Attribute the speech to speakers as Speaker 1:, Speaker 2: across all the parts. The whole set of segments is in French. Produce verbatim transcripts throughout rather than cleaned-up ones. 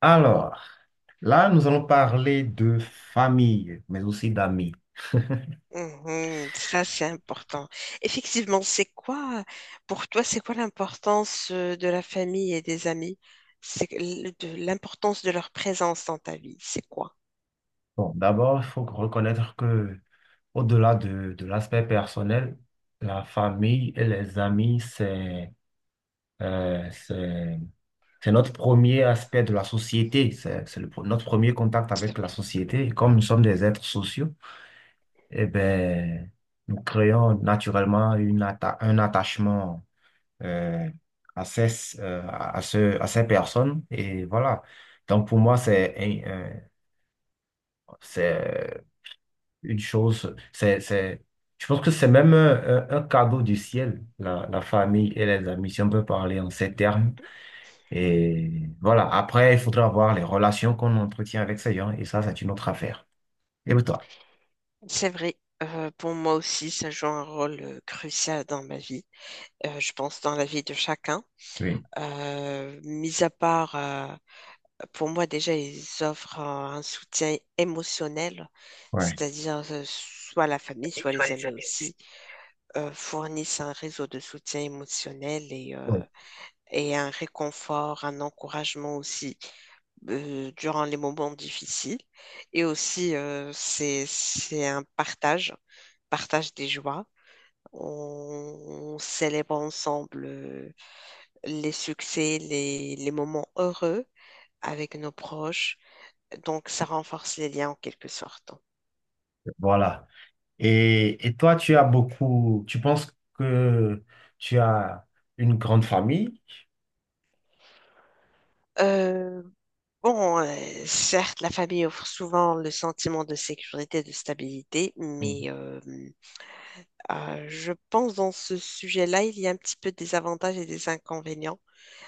Speaker 1: Alors, là, nous allons parler de famille, mais aussi d'amis.
Speaker 2: Mhm, ça, c'est important. Effectivement, c'est quoi, pour toi, c'est quoi l'importance euh, de la famille et des amis? C'est que l- de l'importance de leur présence dans ta vie. C'est quoi?
Speaker 1: Bon, d'abord, il faut reconnaître que, au-delà de, de l'aspect personnel, la famille et les amis, c'est euh, c'est c'est notre premier aspect de la société. C'est c'est le pre- notre premier contact
Speaker 2: C'est
Speaker 1: avec la
Speaker 2: vrai.
Speaker 1: société. Et comme nous sommes des êtres sociaux, eh ben, nous créons naturellement une atta- un attachement euh, à ces, euh, à ce, à ces personnes. Et voilà. Donc, pour moi, c'est un- un- c'est euh, une chose, c'est, c'est, je pense que c'est même un, un- un cadeau du ciel, la, la famille et les amis, si on peut parler en ces termes. Et voilà. Après, il faudra voir les relations qu'on entretient avec ces gens, et ça, c'est une autre affaire. Et toi?
Speaker 2: C'est vrai. Euh, pour moi aussi, ça joue un rôle euh, crucial dans ma vie. Euh, je pense dans la vie de chacun.
Speaker 1: Oui.
Speaker 2: Euh, mis à part, euh, pour moi déjà, ils offrent euh, un soutien émotionnel,
Speaker 1: Ouais.
Speaker 2: c'est-à-dire euh, soit la famille, soit les amis aussi euh, fournissent un réseau de soutien émotionnel et,
Speaker 1: Ouais.
Speaker 2: euh, et un réconfort, un encouragement aussi euh, durant les moments difficiles. Et aussi, euh, c'est, c'est un partage, partage des joies. On, on célèbre ensemble euh, les succès, les, les moments heureux avec nos proches. Donc, ça renforce les liens en quelque sorte.
Speaker 1: Voilà. Et, et toi, tu as beaucoup, tu penses que tu as une grande famille?
Speaker 2: Euh, Bon, euh, certes, la famille offre souvent le sentiment de sécurité, de stabilité, mais euh, euh, je pense dans ce sujet-là, il y a un petit peu des avantages et des inconvénients.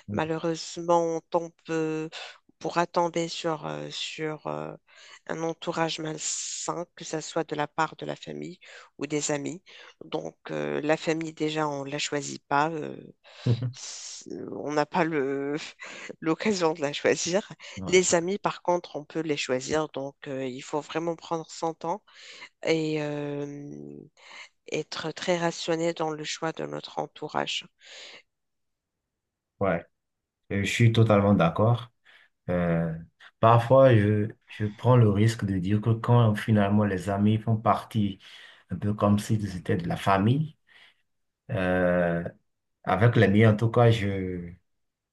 Speaker 1: Mhm.
Speaker 2: Malheureusement, on tombe, euh, on pourra tomber sur, euh, sur euh, un entourage malsain, que ce soit de la part de la famille ou des amis. Donc, euh, la famille, déjà, on ne la choisit pas. euh, c'est- On n'a pas le, l'occasion de la choisir.
Speaker 1: Ouais,
Speaker 2: Les amis, par contre, on peut les choisir, donc euh, il faut vraiment prendre son temps et euh, être très rationné dans le choix de notre entourage.
Speaker 1: ouais, euh, je suis totalement d'accord. Euh, Parfois, je, je prends le risque de dire que quand finalement les amis font partie, un peu comme s'ils étaient de la famille, euh, avec les miens en tout cas, je,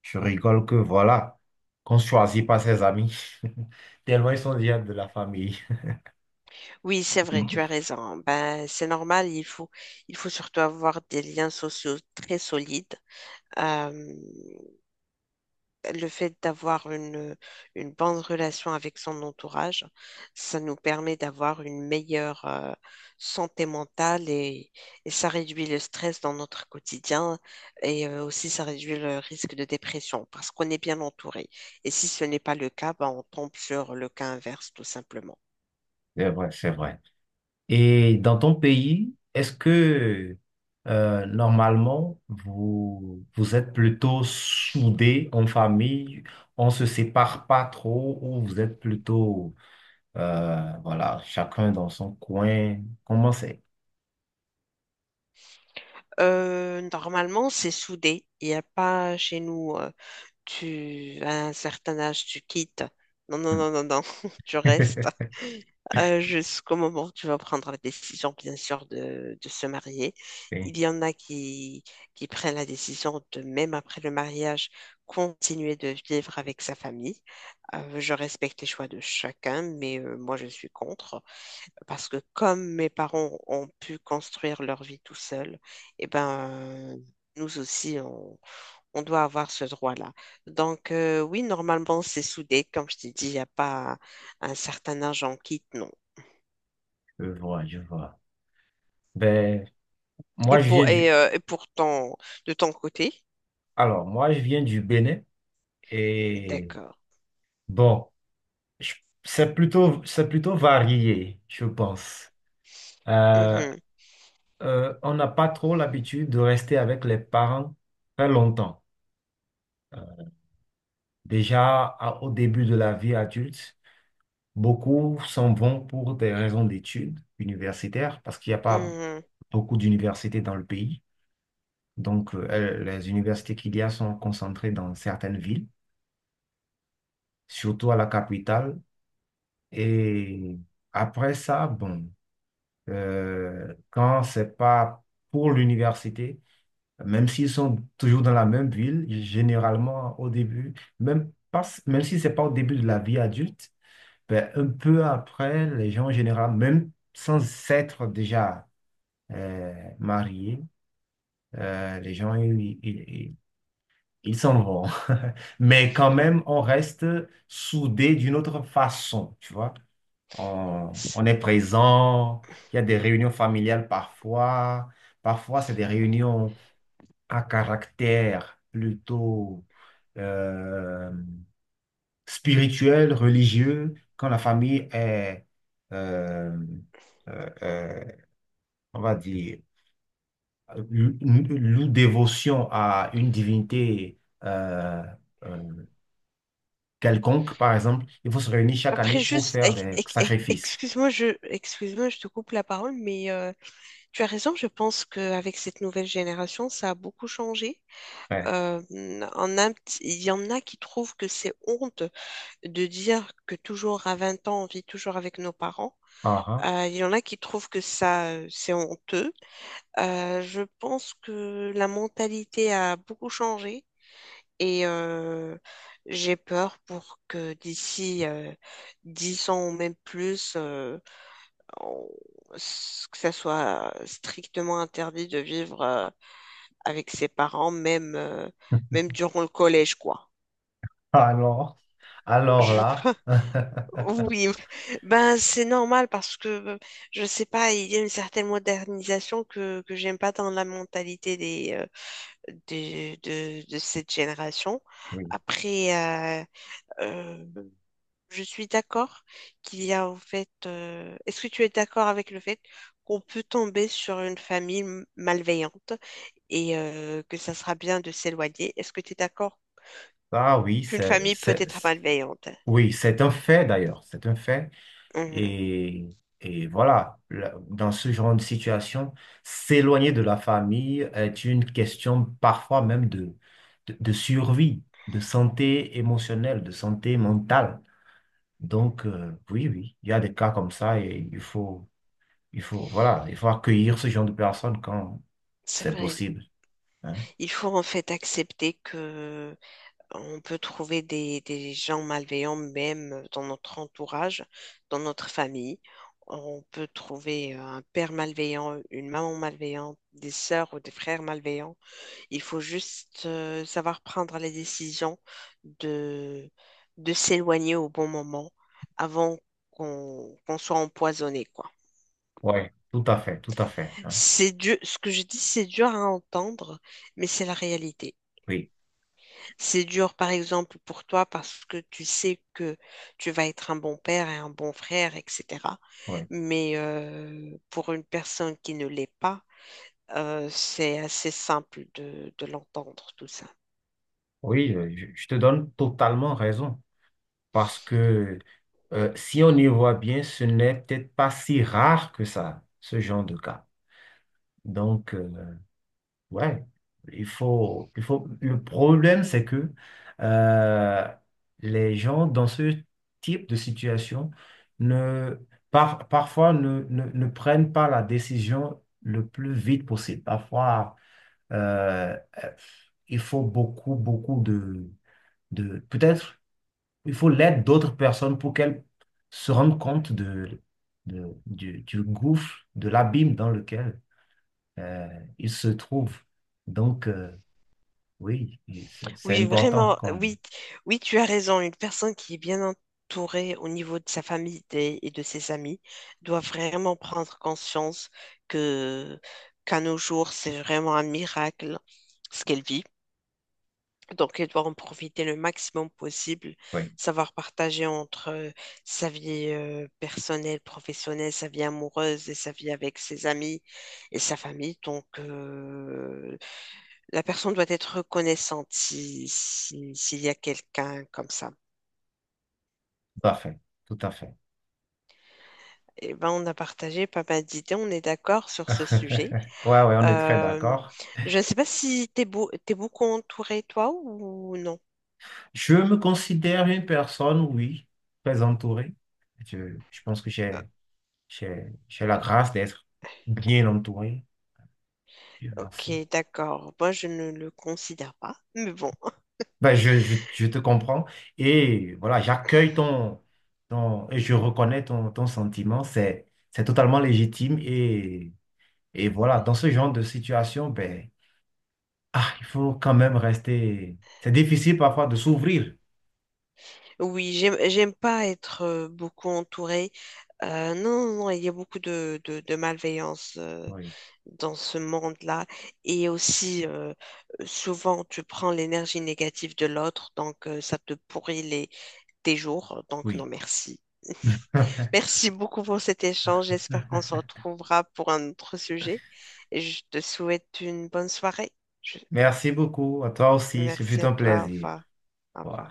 Speaker 1: je rigole que voilà, qu'on ne choisit pas ses amis, tellement ils sont déjà de la famille.
Speaker 2: Oui, c'est vrai, tu as raison, hein. Ben, c'est normal, il faut, il faut surtout avoir des liens sociaux très solides. Euh, le fait d'avoir une, une bonne relation avec son entourage, ça nous permet d'avoir une meilleure euh, santé mentale et, et ça réduit le stress dans notre quotidien et euh, aussi ça réduit le risque de dépression parce qu'on est bien entouré. Et si ce n'est pas le cas, ben on tombe sur le cas inverse tout simplement.
Speaker 1: C'est vrai, c'est vrai. Et dans ton pays, est-ce que euh, normalement vous, vous êtes plutôt soudés en famille, on se sépare pas trop ou vous êtes plutôt euh, voilà, chacun dans son coin? Comment c'est?
Speaker 2: Euh, normalement, c'est soudé. Il n'y a pas chez nous, euh, tu, à un certain âge, tu quittes. Non, non,
Speaker 1: Hmm.
Speaker 2: non, non, non, tu restes. Euh, jusqu'au moment où tu vas prendre la décision, bien sûr, de, de se marier.
Speaker 1: Oui,
Speaker 2: Il y en a qui, qui prennent la décision de, même après le mariage, continuer de vivre avec sa famille. Euh, je respecte les choix de chacun, mais euh, moi, je suis contre. Parce que comme mes parents ont pu construire leur vie tout seuls, eh ben... Nous aussi, on, on doit avoir ce droit-là. Donc, euh, oui, normalement, c'est soudé. Comme je t'ai dit, il n'y a pas un certain âge en quitte, non.
Speaker 1: je vois, je vois. Ben,
Speaker 2: Et
Speaker 1: moi je viens
Speaker 2: pour et,
Speaker 1: du
Speaker 2: euh, et pour ton De ton côté.
Speaker 1: alors moi je viens du Bénin et
Speaker 2: D'accord.
Speaker 1: bon, je- c'est plutôt c'est plutôt varié, je pense. Euh,
Speaker 2: Mhm,
Speaker 1: euh, on n'a pas trop l'habitude de rester avec les parents très longtemps. Euh, déjà à- au début de la vie adulte, beaucoup s'en vont pour des raisons d'études universitaires parce qu'il n'y a pas
Speaker 2: mhm.
Speaker 1: beaucoup d'universités dans le pays. Donc, euh, elles- les universités qu'il y a sont concentrées dans certaines villes, surtout à la capitale. Et après ça, bon, euh, quand c'est pas pour l'université, même s'ils sont toujours dans la même ville, généralement au début, même, pas, même si ce n'est pas au début de la vie adulte, ben, un peu après, les gens en général, même sans s'être déjà euh, mariés, euh, les gens, ils, ils- ils- ils s'en vont. Mais quand même, on reste soudés d'une autre façon, tu vois. On, on est présent, il y a des réunions familiales parfois, parfois c'est des réunions à caractère plutôt euh, spirituel, religieux, quand la famille est, euh, euh, euh, on va dire, lou- loue dévotion à une divinité euh, euh, quelconque, par exemple, il faut se réunir chaque année
Speaker 2: Après
Speaker 1: pour
Speaker 2: juste
Speaker 1: faire
Speaker 2: ec-
Speaker 1: des
Speaker 2: ec- ec-
Speaker 1: sacrifices.
Speaker 2: excuse-moi je excuse-moi, je te coupe la parole, mais euh, tu as raison, je pense qu'avec cette nouvelle génération ça a beaucoup changé.
Speaker 1: Ouais.
Speaker 2: Euh, on a un petit- Il y en a qui trouvent que c'est honte de dire que toujours à vingt ans on vit toujours avec nos parents.
Speaker 1: Ah, ah.
Speaker 2: Euh, il y en a qui trouvent que ça euh, c'est honteux. Euh, je pense que la mentalité a beaucoup changé. Et euh, j'ai peur pour que d'ici euh, dix ans ou même plus, euh, on- s- que ça soit strictement interdit de vivre euh, avec ses parents, même, euh, même durant le collège, quoi.
Speaker 1: Alors, alors
Speaker 2: Je...
Speaker 1: là,
Speaker 2: Oui, ben c'est normal parce que je sais pas, il y a une certaine modernisation que, que j'aime pas dans la mentalité des, euh, des- de, de cette génération.
Speaker 1: oui.
Speaker 2: Après, euh, je suis d'accord qu'il y a en fait. euh, Est-ce que tu es d'accord avec le fait qu'on peut tomber sur une famille m- malveillante et euh, que ça sera bien de s'éloigner? Est-ce que tu es d'accord
Speaker 1: Ah oui,
Speaker 2: qu'une
Speaker 1: c'est,
Speaker 2: famille peut
Speaker 1: c'est-
Speaker 2: être malveillante?
Speaker 1: Oui, c'est un fait d'ailleurs, c'est un fait.
Speaker 2: Mhm.
Speaker 1: Et, et voilà, là, dans ce genre de situation, s'éloigner de la famille est une question parfois même de, de, de survie, de santé émotionnelle, de santé mentale. Donc, euh, oui, oui, il y a des cas comme ça et il faut, il faut, voilà, il faut accueillir ce genre de personnes quand
Speaker 2: C'est
Speaker 1: c'est
Speaker 2: vrai.
Speaker 1: possible, hein.
Speaker 2: Il faut en fait accepter que on peut trouver des, des gens malveillants même dans notre entourage, dans notre famille. On peut trouver euh, un père malveillant, une maman malveillante, des sœurs ou des frères malveillants. Il faut juste euh, savoir prendre les décisions de, de s'éloigner au bon moment avant qu'on qu'on soit empoisonné, quoi.
Speaker 1: Ouais, tout à fait, tout à fait, hein.
Speaker 2: C'est dur, ce que je dis, c'est dur à entendre, mais c'est la réalité.
Speaker 1: Oui,
Speaker 2: C'est dur, par exemple, pour toi parce que tu sais que tu vas être un bon père et un bon frère, et cetera.
Speaker 1: oui,
Speaker 2: Mais euh, pour une personne qui ne l'est pas, euh, c'est assez simple de de l'entendre, tout ça.
Speaker 1: oui, euh, je, je te donne totalement raison. Parce que euh, si on y voit bien, ce n'est peut-être pas si rare que ça, ce genre de cas. Donc, euh, ouais, il faut, il faut. Le problème, c'est que euh, les gens dans ce type de situation ne, par- parfois ne, ne, ne prennent pas la décision le plus vite possible. Parfois, euh, euh, il faut beaucoup, beaucoup de, de, peut-être, il faut l'aide d'autres personnes pour qu'elles se rendent compte de, de- du, du gouffre, de l'abîme dans lequel euh, ils se trouvent. Donc, euh, oui, et c'est c'est
Speaker 2: Oui,
Speaker 1: important
Speaker 2: vraiment, euh,
Speaker 1: comme...
Speaker 2: oui, oui, tu as raison. Une personne qui est bien entourée au niveau de sa famille des- et de ses amis doit vraiment prendre conscience que qu'à nos jours, c'est vraiment un miracle ce qu'elle vit. Donc, elle doit en profiter le maximum possible,
Speaker 1: Oui,
Speaker 2: savoir partager entre euh, sa vie euh, personnelle, professionnelle, sa vie amoureuse et sa vie avec ses amis et sa famille. Donc, euh, la personne doit être reconnaissante si, si- s'il y a quelqu'un comme ça.
Speaker 1: tout à fait, tout à fait.
Speaker 2: Eh ben, on a partagé pas mal d'idées, on est d'accord sur ce sujet.
Speaker 1: Ouais, ouais, on est très
Speaker 2: Euh,
Speaker 1: d'accord.
Speaker 2: je ne sais pas si t'es beau, t'es beaucoup entouré, toi, ou non.
Speaker 1: Je me considère une personne, oui, très entourée. Je, je pense que
Speaker 2: Euh,
Speaker 1: j'ai, j'ai, j'ai la grâce d'être bien entouré. Dieu
Speaker 2: Ok,
Speaker 1: merci.
Speaker 2: d'accord. Moi, je ne le considère pas. Mais bon,
Speaker 1: Ben, je, je, je te comprends. Et voilà, j'accueille ton, ton, et je reconnais ton, ton sentiment. C'est, c'est totalement légitime. Et, et voilà, dans ce genre de situation, ben, ah, il faut quand même rester. C'est difficile parfois de s'ouvrir.
Speaker 2: oui, j'aime, j'aime pas être euh, beaucoup entourée. Euh, non, non, non, il y a beaucoup de, de, de malveillance, euh,
Speaker 1: Oui,
Speaker 2: dans ce monde-là. Et aussi, euh, souvent, tu prends l'énergie négative de l'autre, donc euh, ça te pourrit les, tes jours. Donc, non,
Speaker 1: oui.
Speaker 2: merci. Merci beaucoup pour cet échange. J'espère qu'on se retrouvera pour un autre sujet. Et je te souhaite une bonne soirée. Je-
Speaker 1: Merci beaucoup. À toi aussi. Ce
Speaker 2: Merci
Speaker 1: fut
Speaker 2: à
Speaker 1: un
Speaker 2: toi. Au
Speaker 1: plaisir.
Speaker 2: revoir. Au
Speaker 1: Voilà.
Speaker 2: revoir.